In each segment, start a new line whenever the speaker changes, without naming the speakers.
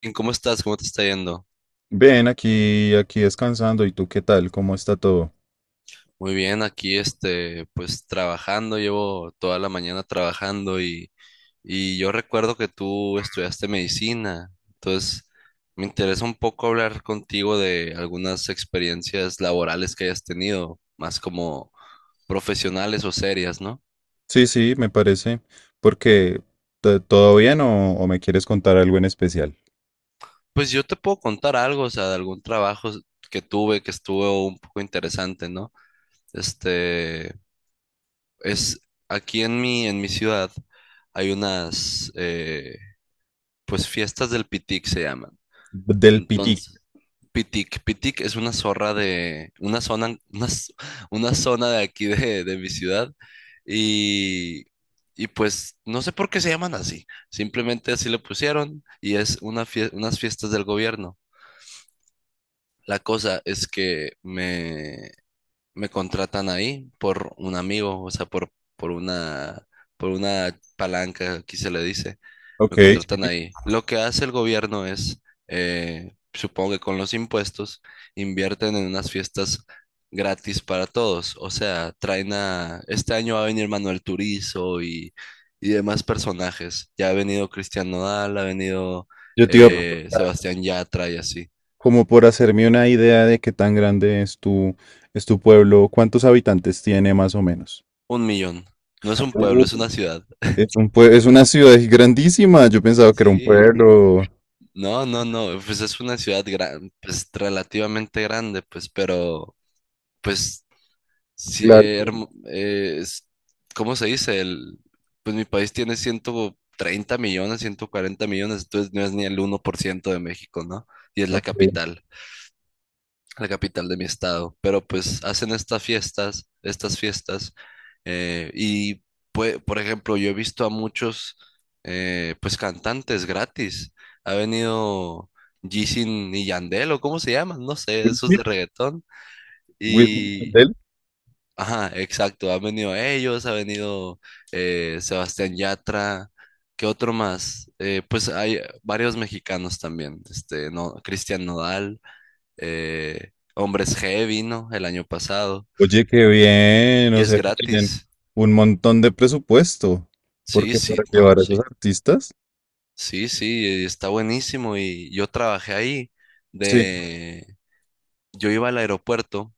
Bien, ¿cómo estás? ¿Cómo te está yendo?
Bien, aquí descansando. ¿Y tú qué tal? ¿Cómo está todo?
Muy bien, aquí este, pues trabajando, llevo toda la mañana trabajando y yo recuerdo que tú estudiaste medicina, entonces me interesa un poco hablar contigo de algunas experiencias laborales que hayas tenido, más como profesionales o serias, ¿no?
Sí, sí, me parece. Porque, ¿todo bien o me quieres contar algo en especial?
Pues yo te puedo contar algo, o sea, de algún trabajo que tuve que estuvo un poco interesante, ¿no? Este, Es aquí en mi ciudad hay unas, pues fiestas del Pitic se llaman.
Del Piti.
Entonces, Pitic, Pitic es una zona, una zona de aquí de mi ciudad. Y, y pues no sé por qué se llaman así. Simplemente así le pusieron y es unas fiestas del gobierno. La cosa es que me contratan ahí por un amigo, o sea, por una palanca, aquí se le dice,
Ok.
me contratan
Sí.
ahí. Lo que hace el gobierno es, supongo que con los impuestos, invierten en unas fiestas gratis para todos, o sea, este año va a venir Manuel Turizo y demás personajes, ya ha venido Cristian Nodal, ha venido
Yo te iba
Sebastián Yatra y así,
como por hacerme una idea de qué tan grande es tu pueblo, cuántos habitantes tiene más o menos.
1 millón. No es un pueblo, es una ciudad.
Es una ciudad grandísima. Yo pensaba que era un
Sí.
pueblo.
No, no, no, pues es una ciudad pues relativamente grande, pues, pero, pues, sí,
Claro.
¿cómo se dice? Pues mi país tiene 130 millones, 140 millones, entonces no es ni el 1% de México, ¿no? Y es la
Ok.
capital la capital de mi estado, pero pues hacen estas fiestas, eh, y por ejemplo, yo he visto a muchos, pues cantantes gratis, ha venido Jisin y Yandel, o cómo se llaman, no sé, esos
Whitney,
de reggaetón,
Whitney,
y,
Mandel.
ajá, exacto, han venido ellos, ha venido Sebastián Yatra. ¿Qué otro más? Pues hay varios mexicanos también, este, no, Cristian Nodal, Hombres G vino el año pasado
Oye, qué bien.
y
O
es
sea, que tienen
gratis.
un montón de presupuesto.
Sí,
Porque para
sí, no,
llevar a esos
sí.
artistas.
Sí, sí, está buenísimo y yo trabajé ahí,
Sí.
de yo iba al aeropuerto,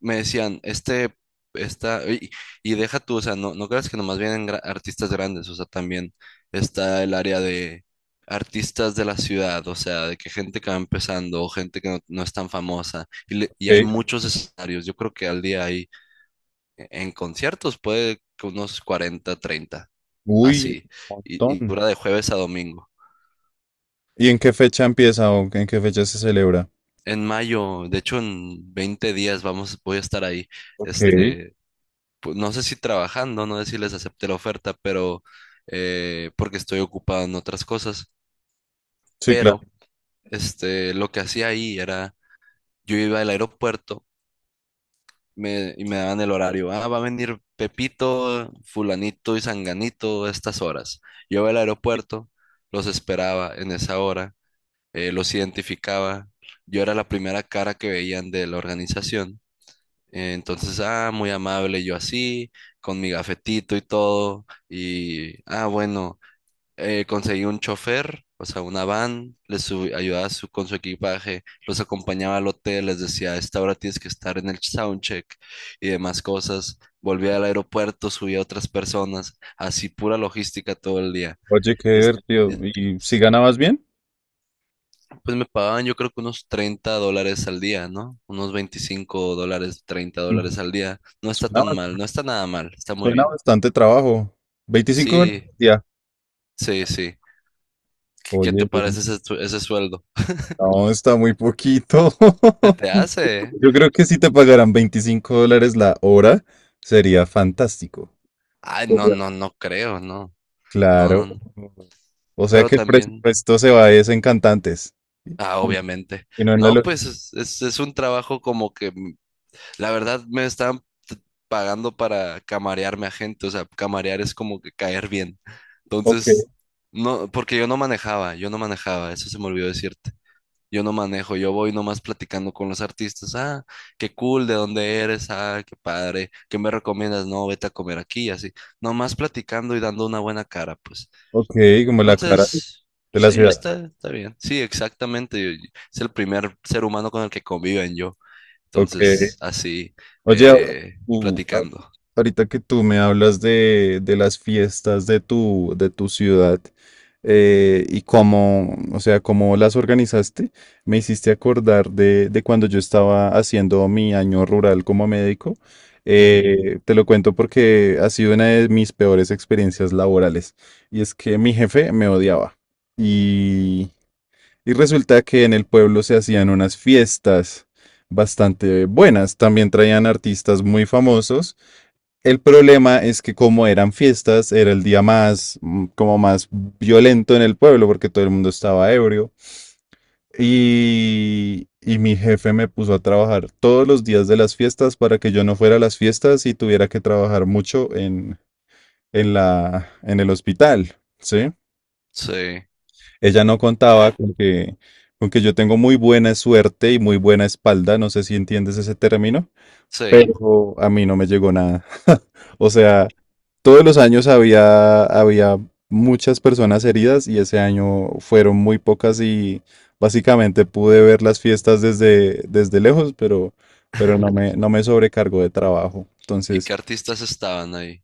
me decían, "Este, esta y deja tú, o sea, no no creas que nomás vienen artistas grandes, o sea, también está el área de artistas de la ciudad, o sea, de que gente que va empezando o gente que no, no es tan famosa y hay
Ok.
muchos escenarios. Yo creo que al día hay en conciertos puede que unos 40, 30
Uy,
así.
un
Y
montón.
dura de jueves a domingo.
¿Y en qué fecha empieza o en qué fecha se celebra?
En mayo, de hecho en 20 días voy a estar ahí.
Ok.
Este, no sé si trabajando, no sé si les acepté la oferta, pero porque estoy ocupado en otras cosas.
Sí, claro.
Pero este, lo que hacía ahí era, yo iba al aeropuerto, y me daban el horario. Ah, va a venir Pepito, fulanito y sanganito a estas horas. Yo iba al aeropuerto, los esperaba en esa hora, los identificaba. Yo era la primera cara que veían de la organización. Entonces, ah, muy amable yo así, con mi gafetito y todo. Y, ah, bueno, conseguí un chofer, o sea, una van, ayudaba con su equipaje, los acompañaba al hotel, les decía, a esta hora tienes que estar en el soundcheck y demás cosas. Volvía al aeropuerto, subía a otras personas, así pura logística todo el día.
Oye, qué
Y es-
divertido.
y-
¿Y si ganabas bien?
Pues me pagaban yo creo que unos $30 al día, ¿no? Unos $25, treinta
Mm,
dólares al día. No está
Suena,
tan mal,
bas-
no está nada mal, está muy
suena
bien.
bastante trabajo. 25 horas al
Sí,
día.
sí, sí. ¿Qué te
Oye.
parece ese sueldo?
No, está muy poquito.
¿Se te hace? ¿Eh?
Yo creo que si te pagaran $25 la hora, sería fantástico.
Ay, no,
Genial.
no, no creo, no, no, no,
Claro.
no.
O sea
Pero
que el
también,
presupuesto se va es en cantantes
ah, obviamente.
y no en la
No, pues
logística.
es un trabajo como que, la verdad, me están t- pagando para camarearme a gente, o sea, camarear es como que caer bien.
Ok,
Entonces, no, porque yo no manejaba, eso se me olvidó decirte. Yo no manejo, yo voy nomás platicando con los artistas, ah, qué cool, ¿de dónde eres? Ah, qué padre, ¿qué me recomiendas? No, vete a comer aquí, y así. Nomás platicando y dando una buena cara, pues.
ok, como la cara
Entonces,
de la
sí,
ciudad.
está bien. Sí, exactamente. Es el primer ser humano con el que conviven yo.
Ok.
Entonces, así,
Oye, tú, a-
platicando.
ahorita que tú me hablas de, las fiestas de tu ciudad, y cómo, o sea, cómo las organizaste, me hiciste acordar de cuando yo estaba haciendo mi año rural como médico.
Ujú.
Te lo cuento porque ha sido una de mis peores experiencias laborales y es que mi jefe me odiaba y resulta que en el pueblo se hacían unas fiestas bastante buenas. También traían artistas muy famosos. El problema es que como eran fiestas, era el día más, como más violento en el pueblo porque todo el mundo estaba ebrio. Y mi jefe me puso a trabajar todos los días de las fiestas para que yo no fuera a las fiestas y tuviera que trabajar mucho en, en el hospital, ¿sí?
Sí,
Ella no contaba con que, yo tengo muy buena suerte y muy buena espalda, no sé si entiendes ese término,
sí.
pero a mí no me llegó nada. O sea, todos los años había muchas personas heridas y ese año fueron muy pocas y básicamente pude ver las fiestas desde lejos, pero no me sobrecargó de trabajo.
¿Y
Entonces,
qué artistas estaban ahí?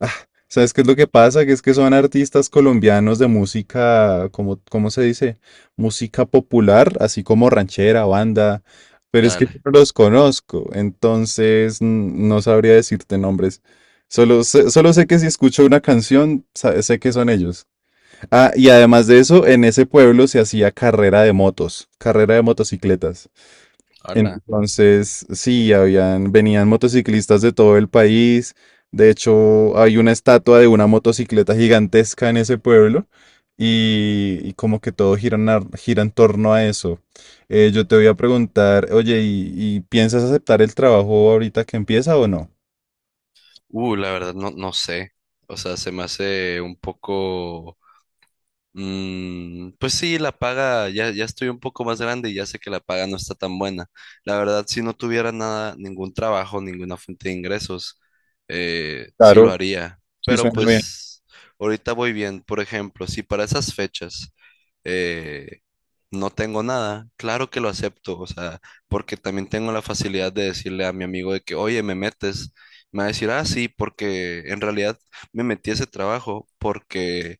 ah, ¿sabes qué es lo que pasa? Que es que son artistas colombianos de música, como, ¿cómo se dice? Música popular, así como ranchera, banda, pero es que yo
Dale.
no los conozco, entonces no sabría decirte nombres. Solo sé que si escucho una canción, sé que son ellos. Ah, y además de eso, en ese pueblo se hacía carrera de motos, carrera de motocicletas.
Hola.
Entonces, sí, venían motociclistas de todo el país. De hecho, hay una estatua de una motocicleta gigantesca en ese pueblo y como que todo gira, gira en torno a eso. Yo te voy a preguntar, oye, ¿y piensas aceptar el trabajo ahorita que empieza o no?
La verdad, no, no sé. O sea, se me hace un poco. Pues sí, la paga, ya, ya estoy un poco más grande y ya sé que la paga no está tan buena. La verdad, si no tuviera nada, ningún trabajo, ninguna fuente de ingresos, sí lo
Claro,
haría.
sí
Pero
suena bien.
pues ahorita voy bien. Por ejemplo, si para esas fechas eh, no tengo nada, claro que lo acepto. O sea, porque también tengo la facilidad de decirle a mi amigo de que, oye, me metes. Me va a decir, ah, sí, porque en realidad me metí a ese trabajo porque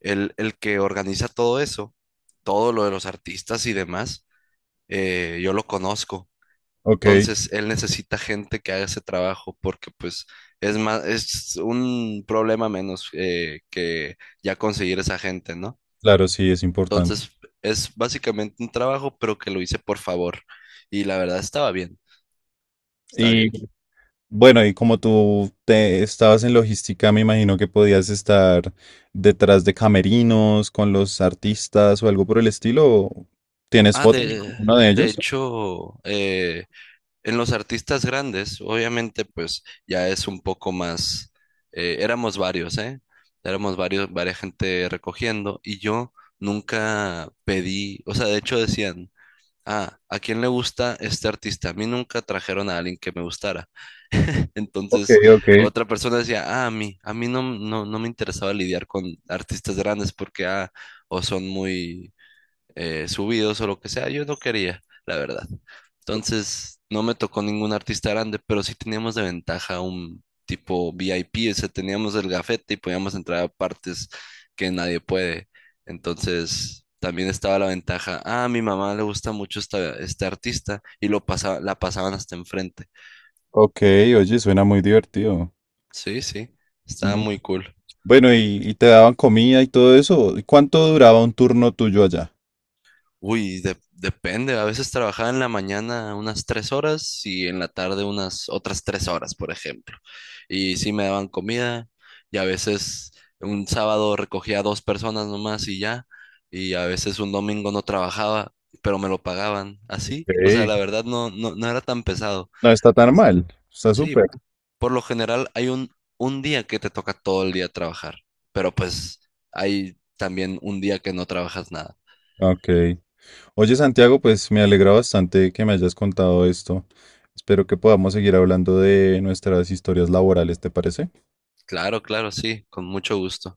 el que organiza todo eso, todo lo de los artistas y demás, yo lo conozco.
Ok,
Entonces, él necesita gente que haga ese trabajo porque pues es más, es un problema menos, que ya conseguir esa gente, ¿no?
claro, sí, es importante.
Entonces, es básicamente un trabajo, pero que lo hice por favor. Y la verdad estaba bien, está bien.
Bueno, y como tú te estabas en logística, me imagino que podías estar detrás de camerinos con los artistas o algo por el estilo. ¿O tienes
Ah,
fotos, sí, uno de
de
ellos?
hecho, en los artistas grandes, obviamente, pues ya es un poco más, éramos varios, ¿eh? Éramos varias gente recogiendo y yo nunca pedí, o sea, de hecho decían, ah, ¿a quién le gusta este artista? A mí nunca trajeron a alguien que me gustara.
Ok,
Entonces,
ok.
otra persona decía, ah, a mí no, no, no me interesaba lidiar con artistas grandes porque, ah, o son muy subidos o lo que sea, yo no quería, la verdad. Entonces, no me tocó ningún artista grande, pero sí teníamos de ventaja un tipo VIP, o sea, teníamos el gafete y podíamos entrar a partes que nadie puede. Entonces, también estaba la ventaja, ah, a mi mamá le gusta mucho este artista y la pasaban hasta enfrente.
Ok, oye, suena muy divertido.
Sí, sí, estaba
Mm.
muy cool.
Bueno, y te daban comida y todo eso. ¿Y cuánto duraba un turno tuyo allá?
Uy, depende. A veces trabajaba en la mañana unas 3 horas y en la tarde unas otras 3 horas, por ejemplo. Y sí me daban comida y a veces un sábado recogía a dos personas nomás y ya. Y a veces un domingo no trabajaba, pero me lo pagaban así.
Ok,
O sea, la verdad no, no, no era tan pesado.
no está tan mal. Está
Sí,
súper.
por lo general hay un día que te toca todo el día trabajar, pero pues hay también un día que no trabajas nada.
Ok. Oye, Santiago, pues me alegra bastante que me hayas contado esto. Espero que podamos seguir hablando de nuestras historias laborales, ¿te parece?
Claro, claro, sí, con mucho gusto.